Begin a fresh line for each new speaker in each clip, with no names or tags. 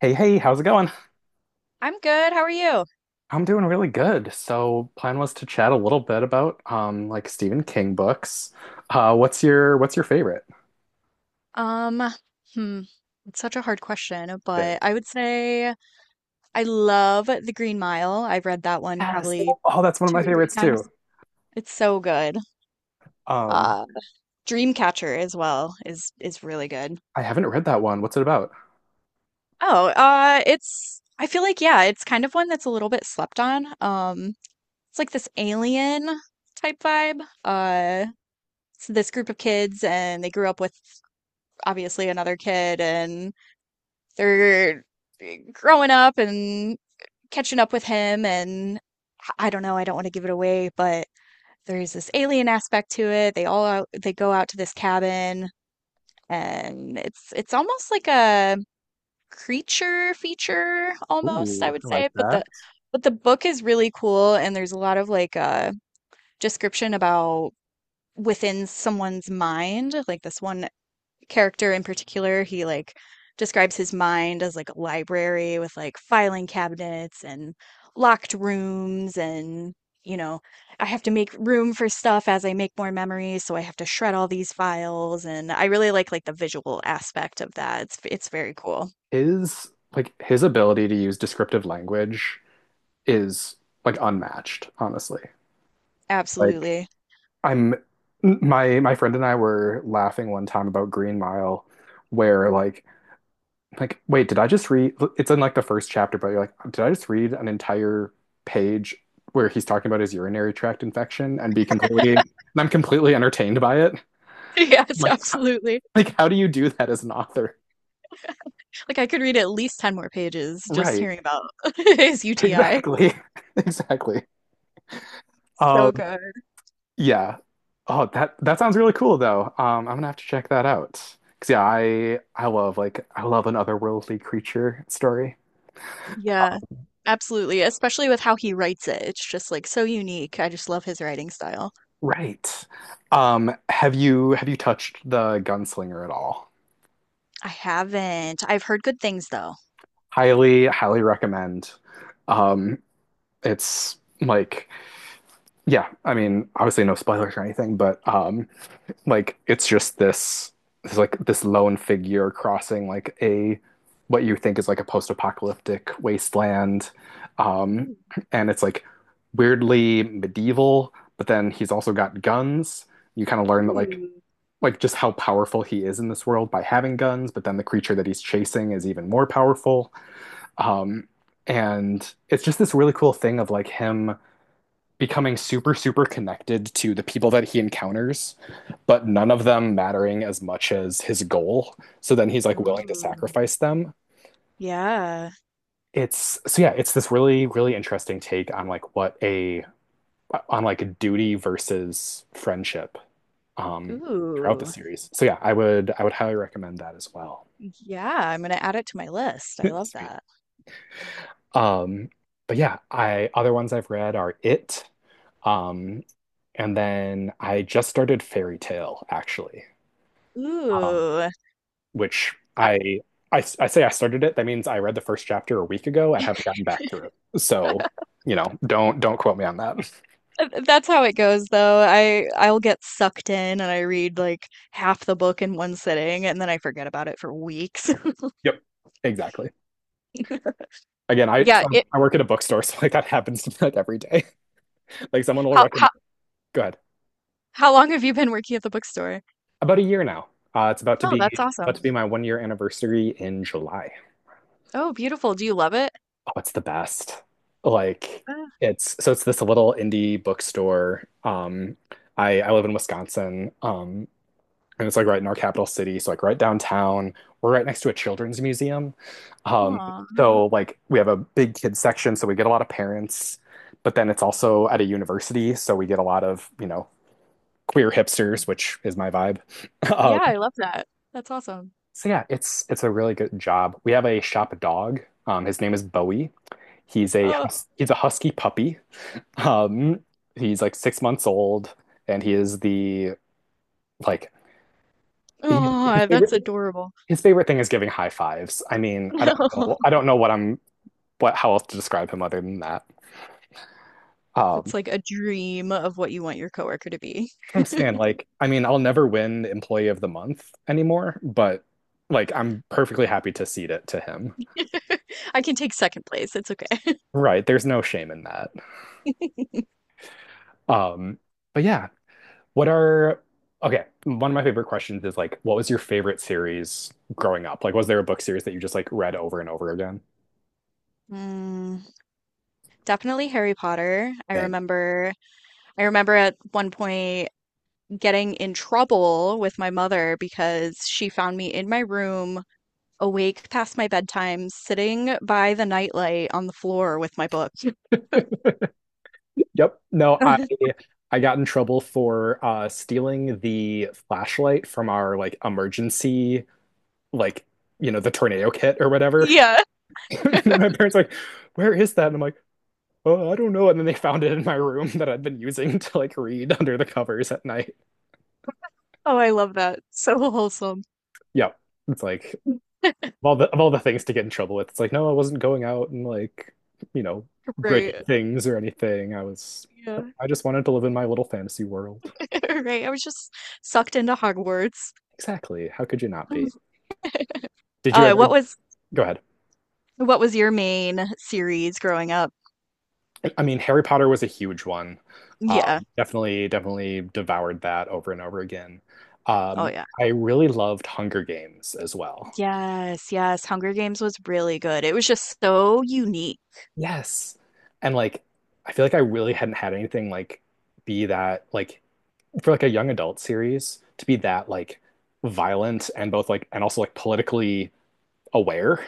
Hey, hey, how's it going?
I'm good. How are you?
I'm doing really good. So, plan was to chat a little bit about like Stephen King books. What's your favorite?
Um, hmm. It's such a hard question,
That-
but I would say I love The Green Mile. I've read that one
Yes.
probably
Oh, that's one of
two
my
or three
favorites
times.
too.
It's so good.
Um,
Uh, Dreamcatcher as well is really good.
I haven't read that one. What's it about?
Oh, it's I feel like yeah, it's kind of one that's a little bit slept on. It's like this alien type vibe. It's this group of kids and they grew up with obviously another kid and they're growing up and catching up with him and I don't know, I don't want to give it away, but there is this alien aspect to it. They all out, they go out to this cabin and it's almost like a creature feature almost, I
Ooh,
would
I
say,
like
but the
that.
but the book is really cool and there's a lot of like description about within someone's mind. Like this one character in particular, he like describes his mind as like a library with like filing cabinets and locked rooms and you know, I have to make room for stuff as I make more memories, so I have to shred all these files and I really like the visual aspect of that. It's very cool.
His ability to use descriptive language is like unmatched, honestly. Like
Absolutely.
I'm my friend and I were laughing one time about Green Mile where like, wait, did I just read? It's in like the first chapter, but you're like, did I just read an entire page where he's talking about his urinary tract infection and I'm completely entertained by it?
Yes,
Like,
absolutely.
like how do you do that as an author?
Like I could read at least 10 more pages just
Right.
hearing about his UTI.
Exactly. Exactly.
So
Um,
good.
yeah. Oh, that sounds really cool though. I'm gonna have to check that out. 'Cause yeah, I love like I love an otherworldly creature story.
Yeah, absolutely, especially with how he writes it. It's just like so unique. I just love his writing style.
Right. Have you touched the Gunslinger at all?
I haven't. I've heard good things though.
Highly, highly recommend. Um, it's like, yeah, I mean, obviously no spoilers or anything, but like it's like this lone figure crossing like a what you think is like a post-apocalyptic wasteland, um,
Ooh,
and it's like weirdly medieval, but then he's also got guns. You kind of learn that like
ooh,
like just how powerful he is in this world by having guns, but then the creature that he's chasing is even more powerful. Um, and it's just this really cool thing of like him becoming super, super connected to the people that he encounters, but none of them mattering as much as his goal. So then he's like willing to
Ooh.
sacrifice them.
Yeah.
It's so yeah, it's this really, really interesting take on like duty versus friendship um throughout the
Ooh.
series. So yeah, I would highly recommend that as well.
Yeah, I'm gonna add it to my list. I love
Sweet.
that.
Um but yeah, I other ones I've read are It. Um, and then I just started Fairy Tale, actually, um,
Ooh.
which
I-
I, I say I started it. That means I read the first chapter a week ago and haven't gotten back to it. So, you know, don't quote me on that.
That's how it goes though. I'll get sucked in and I read like half the book in one sitting and then I forget about it for weeks.
Yep, exactly. Again, I
Yeah,
so
it
I work at a bookstore, so like that happens to me, like every day. Like someone will
how
recommend.
how
Go ahead.
how long have you been working at the bookstore?
About a year now. It's about to
Oh, that's
be about
awesome.
to be my 1 year anniversary in July.
Oh, beautiful. Do you love it?
Oh, it's the best. Like
Uh,
it's so it's this little indie bookstore. I live in Wisconsin, and it's like right in our capital city, so like right downtown. We're right next to a children's museum. Um,
aw.
so like we have a big kids section, so we get a lot of parents, but then it's also at a university, so we get a lot of, you know, queer hipsters, which is my vibe. Um,
Yeah, I love that. That's awesome.
so yeah, it's a really good job. We have a shop dog. His name is Bowie.
Oh,
He's a husky puppy. Um, he's like 6 months old, and he is the like he, his
oh, that's
favorite
adorable.
his favorite thing is giving high fives. I mean,
No,
I don't know what I'm what how else to describe him other than that. Um,
it's like a dream of what you want your coworker to be.
I'm saying like, I mean, I'll never win Employee of the Month anymore, but like, I'm perfectly happy to cede it to him.
I can take second place. It's okay.
Right? There's no shame in that. Um, but yeah, What are, okay, one of my favorite questions is like, what was your favorite series growing up? Like, was there a book series that you just like read over and over again?
Mm, definitely Harry Potter. I
Same.
remember I remember at one point getting in trouble with my mother because she found me in my room awake past my bedtime, sitting by the nightlight on the floor with my book.
Yep. No. I got in trouble for stealing the flashlight from our like emergency like you know the tornado kit or whatever.
Yeah.
My parents were like, "Where is that?" And I'm like, "Oh, I don't know." And then they found it in my room that I'd been using to like read under the covers at night.
Oh, I love that. So wholesome.
Yep. It's like of all the things to get in trouble with. It's like, no, I wasn't going out and like, you know, breaking
Right.
things or anything.
Yeah.
I just wanted to live in my little fantasy world.
Right. I was just sucked into Hogwarts.
Exactly. How could you not be? Did you
Uh, what
ever
was
go ahead?
what was your main series growing up?
I mean, Harry Potter was a huge one.
Yeah.
Definitely, definitely devoured that over and over again.
Oh
Um,
yeah.
I really loved Hunger Games as well.
Yes, yes. Hunger Games was really good. It was just so unique.
Yes. And like, I feel like I really hadn't had anything like be that like for like a young adult series to be that like violent and also like politically aware.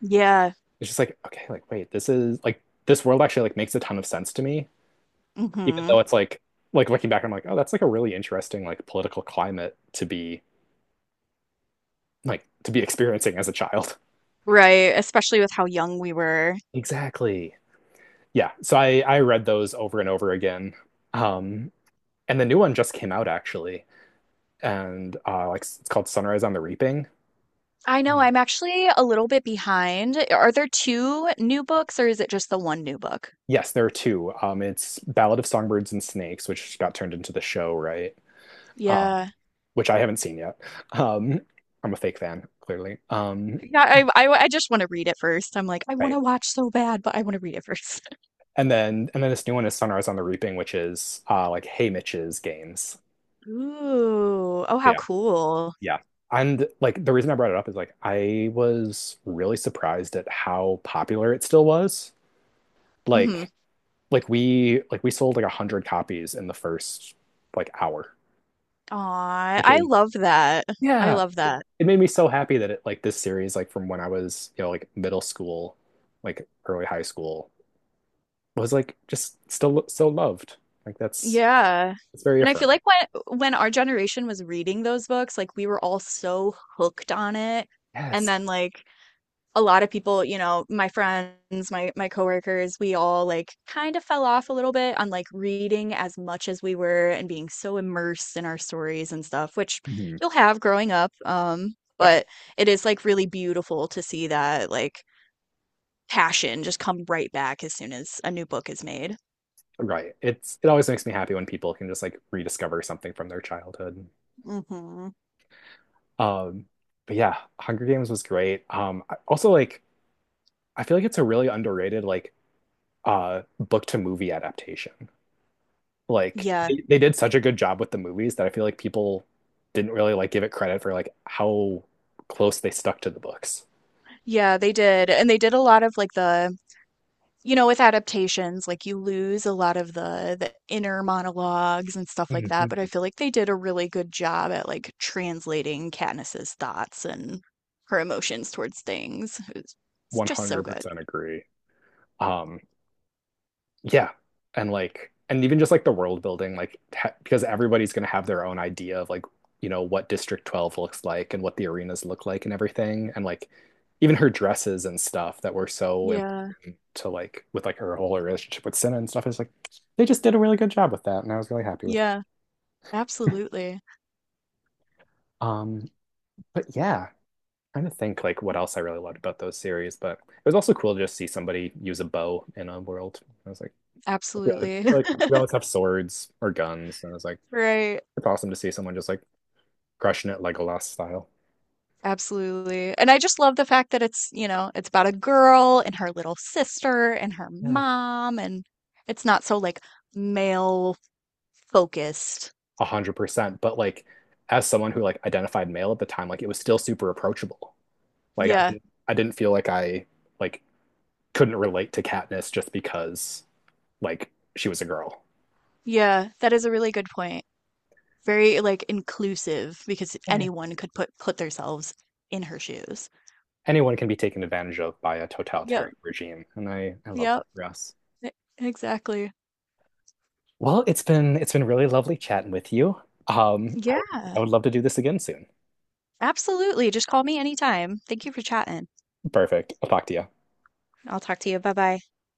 Yeah.
It's just like, okay, like wait, this is like this world actually like makes a ton of sense to me, even
Hmm.
though it's like looking back, I'm like, oh, that's like a really interesting like political climate to be like to be experiencing as a child.
Right. Especially with how young we were.
Exactly. Yeah. So I read those over and over again. Um and the new one just came out actually and like it's called Sunrise on the Reaping.
I know I'm actually a little bit behind. Are there two new books or is it just the one new book?
Yes, there are two. It's Ballad of Songbirds and Snakes, which got turned into the show, right? Uh,
Yeah.
which I haven't seen yet. Um, I'm a fake fan, clearly.
Yeah, I just want to read it first. I'm like, I want
Right.
to watch so bad, but I want to read it first.
And then this new one is Sunrise on the Reaping, which is like Hey Mitch's games.
Ooh. Oh, how
Yeah,
cool.
yeah. And like the reason I brought it up is like I was really surprised at how popular it still was.
Mm-hmm.
Like we sold like a hundred copies in the first like hour,
Aw,
which
I
is
love that. I
yeah.
love
It
that.
it made me so happy that it like this series, like from when I was, you know, like middle school, like early high school, was like just still so loved. Like that's
Yeah.
it's very
And I feel
affirming.
like when our generation was reading those books, like we were all so hooked on it. And
Yes.
then like a lot of people, you know, my friends, my coworkers, we all like kind of fell off a little bit on like reading as much as we were and being so immersed in our stories and stuff, which
Hmm.
you'll have growing up. But
Definitely.
it is like really beautiful to see that like passion just come right back as soon as a new book is made.
Right. It always makes me happy when people can just like rediscover something from their childhood.
Hmm.
Um, but yeah, Hunger Games was great. Also like I feel like it's a really underrated like book to movie adaptation. Like
Yeah.
they did such a good job with the movies that I feel like people didn't really like give it credit for like how close they stuck to the books.
Yeah, they did. And they did a lot of like the you know, with adaptations, like you lose a lot of the inner monologues and stuff like that, but I
Mhm.
feel like they did a really good job at like translating Katniss's thoughts and her emotions towards things. It's just so good.
100% agree. Um, yeah, and like, and even just like the world building, like, ha because everybody's gonna have their own idea of like, you know, what District 12 looks like and what the arenas look like and everything, and like, even her dresses and stuff that were so
Yeah.
important to like, with like her whole relationship with Senna and stuff is like, they just did a really good job with that, and I was really happy with it.
Yeah. Absolutely.
Um, But yeah, trying to think like what else I really loved about those series. But it was also cool to just see somebody use a bow in a world. I was like, we always,
Absolutely.
we always have swords or guns, and I was like,
Right.
it's awesome to see someone just like crushing it Legolas style.
Absolutely. And I just love the fact that it's, you know, it's about a girl and her little sister and her
Yeah.
mom and it's not so like male focused.
100%. But like, as someone who like identified male at the time, like it was still super approachable. Like
Yeah.
I didn't feel like I like couldn't relate to Katniss just because like she was a girl.
Yeah, that is a really good point. Very like inclusive because
Yeah.
anyone could put themselves in her shoes.
Anyone can be taken advantage of by a
Yep,
totalitarian regime, and I love
yep,
that for us.
e- exactly.
Well, it's been really lovely chatting with you. Um, I would
Yeah,
I would love to do this again soon.
absolutely. Just call me anytime. Thank you for chatting.
Perfect. I'll talk to you.
I'll talk to you. Bye bye.